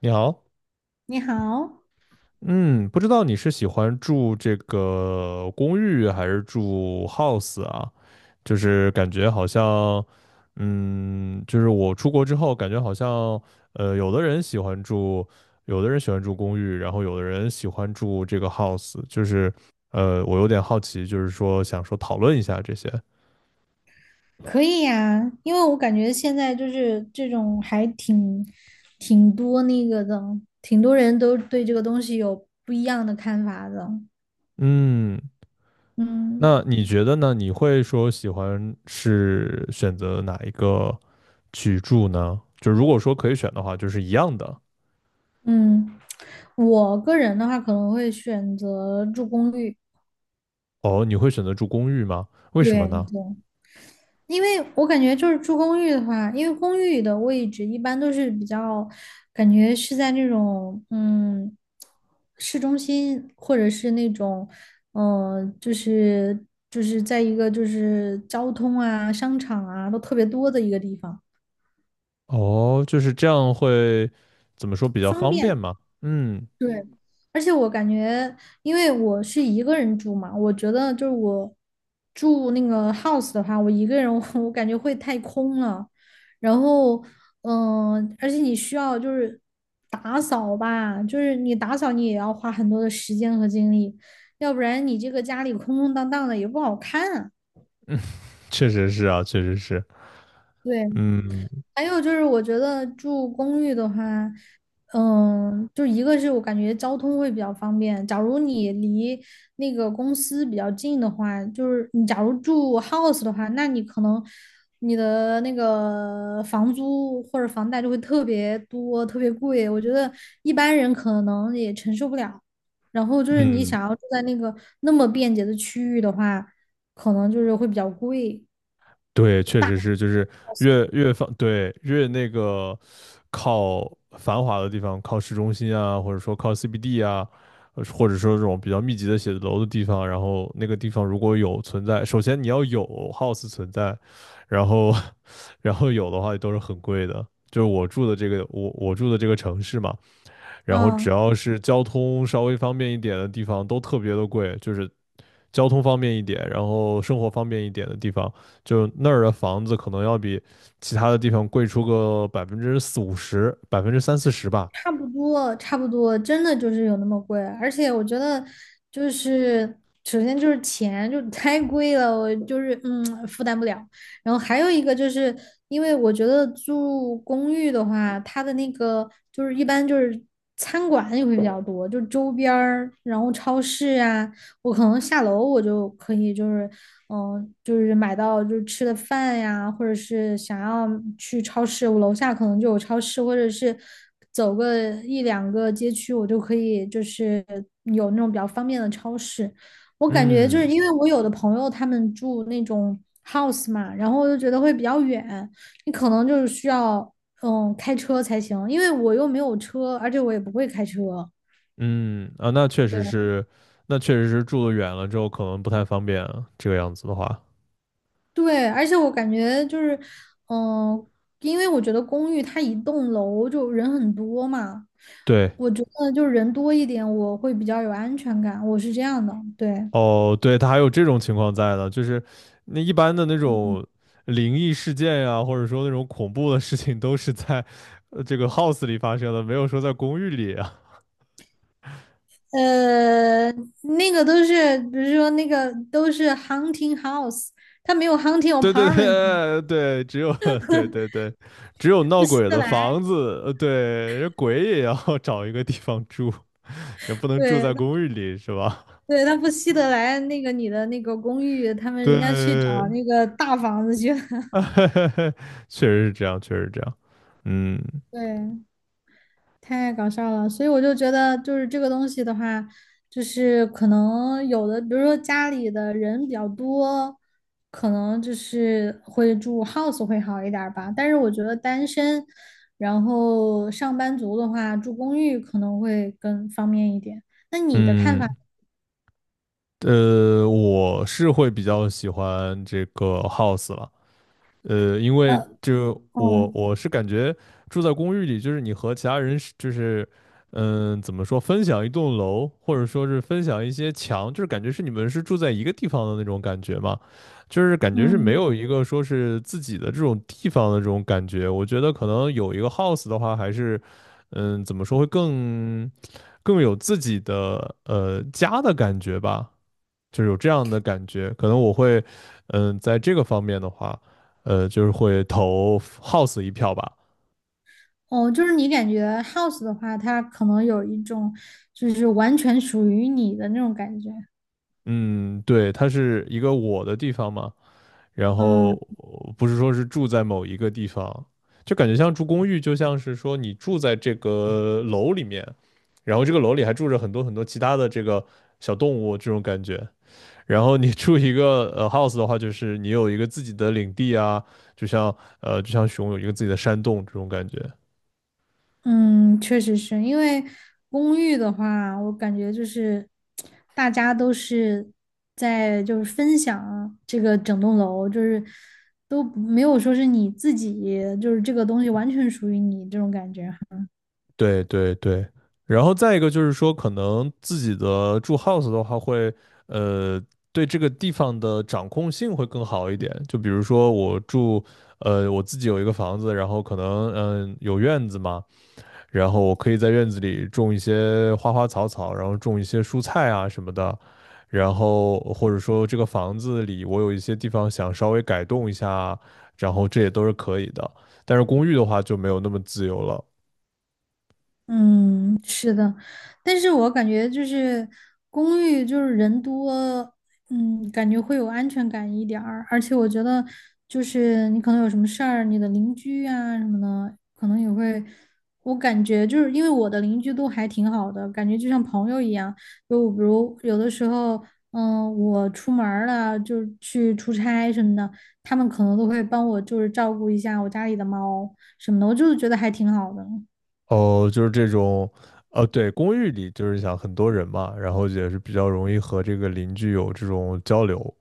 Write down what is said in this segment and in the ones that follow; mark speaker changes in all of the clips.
Speaker 1: 你好，
Speaker 2: 你好。
Speaker 1: 嗯，不知道你是喜欢住这个公寓还是住 house 啊？就是感觉好像，就是我出国之后，感觉好像，有的人喜欢住，有的人喜欢住公寓，然后有的人喜欢住这个 house，就是，我有点好奇，就是说想说讨论一下这些。
Speaker 2: 可以呀，因为我感觉现在就是这种还挺多那个的，挺多人都对这个东西有不一样的看法的。
Speaker 1: 嗯，
Speaker 2: 嗯
Speaker 1: 那你觉得呢？你会说喜欢是选择哪一个，去住呢？就如果说可以选的话，就是一样的。
Speaker 2: 嗯，我个人的话可能会选择住公寓。
Speaker 1: 哦，你会选择住公寓吗？为什么
Speaker 2: 对，
Speaker 1: 呢？
Speaker 2: 因为我感觉就是住公寓的话，因为公寓的位置一般都是比较，感觉是在那种市中心，或者是那种嗯、呃就是就是在一个就是交通啊、商场啊都特别多的一个地方，
Speaker 1: 哦，就是这样会怎么说比较
Speaker 2: 方
Speaker 1: 方便
Speaker 2: 便。
Speaker 1: 吗？嗯，
Speaker 2: 对，而且我感觉，因为我是一个人住嘛，我觉得就是我住那个 house 的话，我一个人我，我感觉会太空了。然后，而且你需要就是打扫吧，就是你打扫你也要花很多的时间和精力，要不然你这个家里空空荡荡的也不好看啊。
Speaker 1: 确实是啊，确实是。
Speaker 2: 对。
Speaker 1: 嗯
Speaker 2: 还有就是，我觉得住公寓的话，嗯，就一个是我感觉交通会比较方便。假如你离那个公司比较近的话，就是你假如住 house 的话，那你可能你的那个房租或者房贷就会特别多、特别贵。我觉得一般人可能也承受不了。然后就是你
Speaker 1: 嗯。
Speaker 2: 想要住在那个那么便捷的区域的话，可能就是会比较贵
Speaker 1: 对，确实是，就是越放，对，越那个靠繁华的地方，靠市中心啊，或者说靠 CBD 啊，或者说这种比较密集的写字楼的地方，然后那个地方如果有存在，首先你要有 house 存在，然后 然后有的话都是很贵的。就是我住的这个，我住的这个城市嘛，然后只
Speaker 2: 啊。
Speaker 1: 要是交通稍微方便一点的地方都特别的贵，就是交通方便一点，然后生活方便一点的地方，就那儿的房子可能要比其他的地方贵出个百分之四五十、百分之三四十吧。
Speaker 2: 差不多，差不多，真的就是有那么贵，而且我觉得就是首先就是钱就太贵了，我就是负担不了。然后还有一个就是因为我觉得住公寓的话，它的那个就是一般就是餐馆也会比较多，就周边儿，然后超市啊，我可能下楼我就可以，就是就是买到就是吃的饭呀，或者是想要去超市，我楼下可能就有超市，或者是走个一两个街区，我就可以就是有那种比较方便的超市。我感觉就是
Speaker 1: 嗯
Speaker 2: 因为我有的朋友他们住那种 house 嘛，然后我就觉得会比较远，你可能就是需要开车才行，因为我又没有车，而且我也不会开车。
Speaker 1: 嗯啊，那确实
Speaker 2: 对。
Speaker 1: 是，那确实是住得远了之后可能不太方便啊，这个样子的话，
Speaker 2: 对，而且我感觉就是，嗯、因为我觉得公寓它一栋楼就人很多嘛，
Speaker 1: 对。
Speaker 2: 我觉得就是人多一点，我会比较有安全感，我是这样的，对。
Speaker 1: 哦，对，它还有这种情况在的，就是那一般的那种灵异事件呀，或者说那种恐怖的事情，都是在这个 house 里发生的，没有说在公寓里啊。
Speaker 2: 呃，那个都是，比如说那个都是 hunting house，它没有 hunting
Speaker 1: 对对
Speaker 2: apartment，
Speaker 1: 对对，只有 对对对，只有闹
Speaker 2: 不稀
Speaker 1: 鬼
Speaker 2: 得
Speaker 1: 的
Speaker 2: 来。
Speaker 1: 房子，对，人鬼也要 找一个地方住，也不能住在
Speaker 2: 对
Speaker 1: 公寓里，是吧？
Speaker 2: 对，它不稀得来那个你的那个公寓，他们人家去找
Speaker 1: 对，
Speaker 2: 那个大房子去了。
Speaker 1: 确实是这样，确实是这样。嗯
Speaker 2: 对。太搞笑了，所以我就觉得，就是这个东西的话，就是可能有的，比如说家里的人比较多，可能就是会住 house 会好一点儿吧。但是我觉得单身，然后上班族的话，住公寓可能会更方便一点。那你的看法？
Speaker 1: 嗯。我是会比较喜欢这个 house 了，因为
Speaker 2: 呃，
Speaker 1: 就
Speaker 2: 哦，
Speaker 1: 我是感觉住在公寓里，就是你和其他人是就是怎么说，分享一栋楼，或者说是分享一些墙，就是感觉是你们是住在一个地方的那种感觉嘛，就是感觉是没
Speaker 2: 嗯，
Speaker 1: 有一个说是自己的这种地方的这种感觉。我觉得可能有一个 house 的话，还是怎么说会更有自己的家的感觉吧。就是有这样的感觉。可能我会，在这个方面的话，就是会投 House 一票吧。
Speaker 2: 哦，就是你感觉 house 的话，它可能有一种就是完全属于你的那种感觉。
Speaker 1: 嗯，对，它是一个我的地方嘛，然后
Speaker 2: 嗯。
Speaker 1: 不是说是住在某一个地方，就感觉像住公寓，就像是说你住在这个楼里面，然后这个楼里还住着很多很多其他的这个小动物这种感觉。然后你住一个house 的话，就是你有一个自己的领地啊，就像就像熊有一个自己的山洞这种感觉。
Speaker 2: 嗯，确实是因为公寓的话，我感觉就是大家都是在就是分享这个整栋楼，就是都没有说是你自己，就是这个东西完全属于你这种感觉。
Speaker 1: 对对对，然后再一个就是说，可能自己的住 house 的话会，呃，对这个地方的掌控性会更好一点。就比如说我住，我自己有一个房子，然后可能有院子嘛，然后我可以在院子里种一些花花草草，然后种一些蔬菜啊什么的，然后或者说这个房子里我有一些地方想稍微改动一下啊，然后这也都是可以的。但是公寓的话就没有那么自由了。
Speaker 2: 嗯，是的，但是我感觉就是公寓就是人多，嗯，感觉会有安全感一点儿，而且我觉得就是你可能有什么事儿，你的邻居啊什么的，可能也会，我感觉就是因为我的邻居都还挺好的，感觉就像朋友一样，就比如有的时候，我出门儿了，就是去出差什么的，他们可能都会帮我就是照顾一下我家里的猫什么的，我就是觉得还挺好的。
Speaker 1: 哦，就是这种，对，公寓里就是想很多人嘛，然后也是比较容易和这个邻居有这种交流。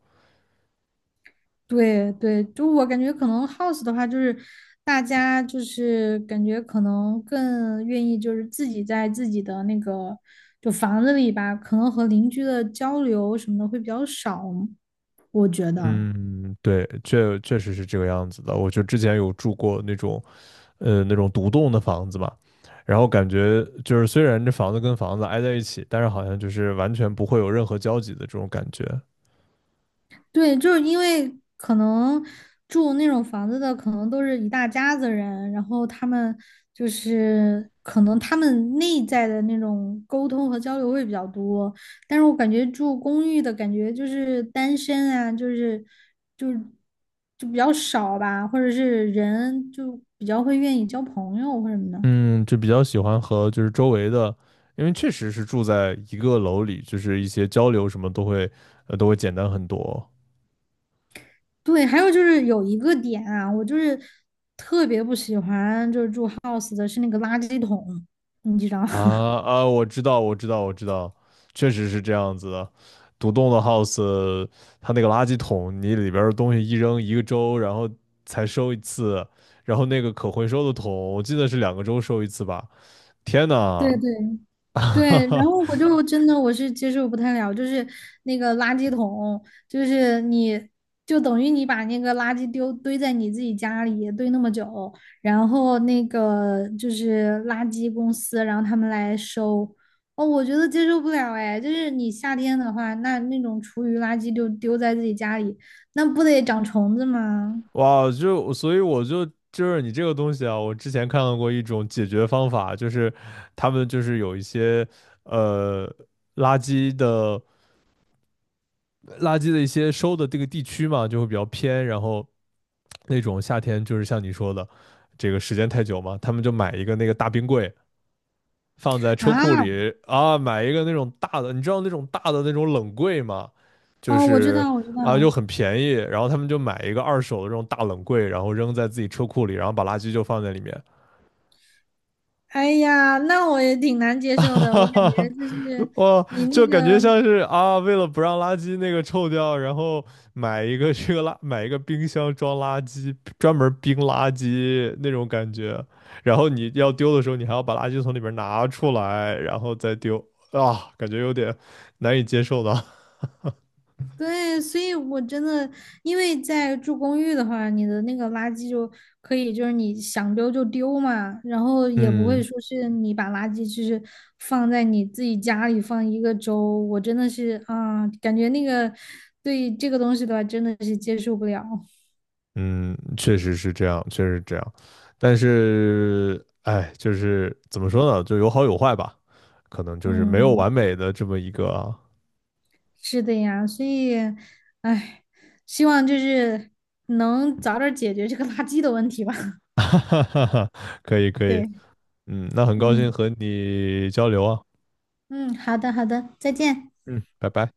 Speaker 2: 对对，就我感觉可能 house 的话，就是大家就是感觉可能更愿意就是自己在自己的那个就房子里吧，可能和邻居的交流什么的会比较少，我觉得。
Speaker 1: 嗯，对，确实是这个样子的。我就之前有住过那种，那种独栋的房子嘛，然后感觉就是虽然这房子跟房子挨在一起，但是好像就是完全不会有任何交集的这种感觉。
Speaker 2: 对，就是因为可能住那种房子的，可能都是一大家子人，然后他们就是可能他们内在的那种沟通和交流会比较多，但是我感觉住公寓的感觉就是单身啊，就是就比较少吧，或者是人就比较会愿意交朋友或什么的。
Speaker 1: 嗯，就比较喜欢和就是周围的，因为确实是住在一个楼里，就是一些交流什么都会，都会简单很多。
Speaker 2: 对，还有就是有一个点啊，我就是特别不喜欢就是住 house 的是那个垃圾桶，你知道。
Speaker 1: 啊 啊，我知道，我知道，我知道，确实是这样子的。独栋的 house，它那个垃圾桶，你里边儿的东西一扔一个周，然后才收一次，然后那个可回收的桶，我记得是两个周收一次吧。天
Speaker 2: 对
Speaker 1: 呐，
Speaker 2: 对对，然后 我就真的我是接受不太了，就是那个垃圾桶，就是你就等于你把那个垃圾丢堆在你自己家里堆那么久，然后那个就是垃圾公司，然后他们来收，哦，我觉得接受不了哎，就是你夏天的话，那种厨余垃圾就丢在自己家里，那不得长虫子吗？
Speaker 1: 哇，就所以我就是你这个东西啊，我之前看到过一种解决方法，就是他们就是有一些呃垃圾的垃圾的一些收的这个地区嘛，就会比较偏，然后，那种夏天就是像你说的，这个时间太久嘛，他们就买一个那个大冰柜放在车
Speaker 2: 啊。
Speaker 1: 库里啊，买一个那种大的，你知道那种大的那种冷柜吗？就
Speaker 2: 哦，我知
Speaker 1: 是
Speaker 2: 道，我知
Speaker 1: 啊，又
Speaker 2: 道。
Speaker 1: 很便宜，然后他们就买一个二手的这种大冷柜，然后扔在自己车库里，然后把垃圾就放在里面，
Speaker 2: 哎呀，那我也挺难接
Speaker 1: 哈
Speaker 2: 受的。我感
Speaker 1: 哈
Speaker 2: 觉
Speaker 1: 哈，
Speaker 2: 就是
Speaker 1: 哇，
Speaker 2: 你那
Speaker 1: 就感觉
Speaker 2: 个，
Speaker 1: 像是啊，为了不让垃圾那个臭掉，然后买一个这个垃，买一个冰箱装垃圾，专门冰垃圾那种感觉。然后你要丢的时候，你还要把垃圾从里边拿出来，然后再丢啊，感觉有点难以接受的。
Speaker 2: 对，所以我真的，因为在住公寓的话，你的那个垃圾就可以，就是你想丢就丢嘛，然后也不会
Speaker 1: 嗯
Speaker 2: 说是你把垃圾就是放在你自己家里放一个周。我真的是啊，感觉那个对这个东西的话，真的是接受不了。
Speaker 1: 嗯，确实是这样，确实是这样。但是，哎，就是怎么说呢，就有好有坏吧，可能就是没有
Speaker 2: 嗯。
Speaker 1: 完美的这么一个。
Speaker 2: 是的呀，所以，唉，希望就是能早点解决这个垃圾的问题吧。
Speaker 1: 哈哈哈哈，可以可以，
Speaker 2: 对。
Speaker 1: 嗯，那很高兴
Speaker 2: 嗯
Speaker 1: 和你交流啊，
Speaker 2: 嗯，好的好的，再见。
Speaker 1: 嗯，拜拜。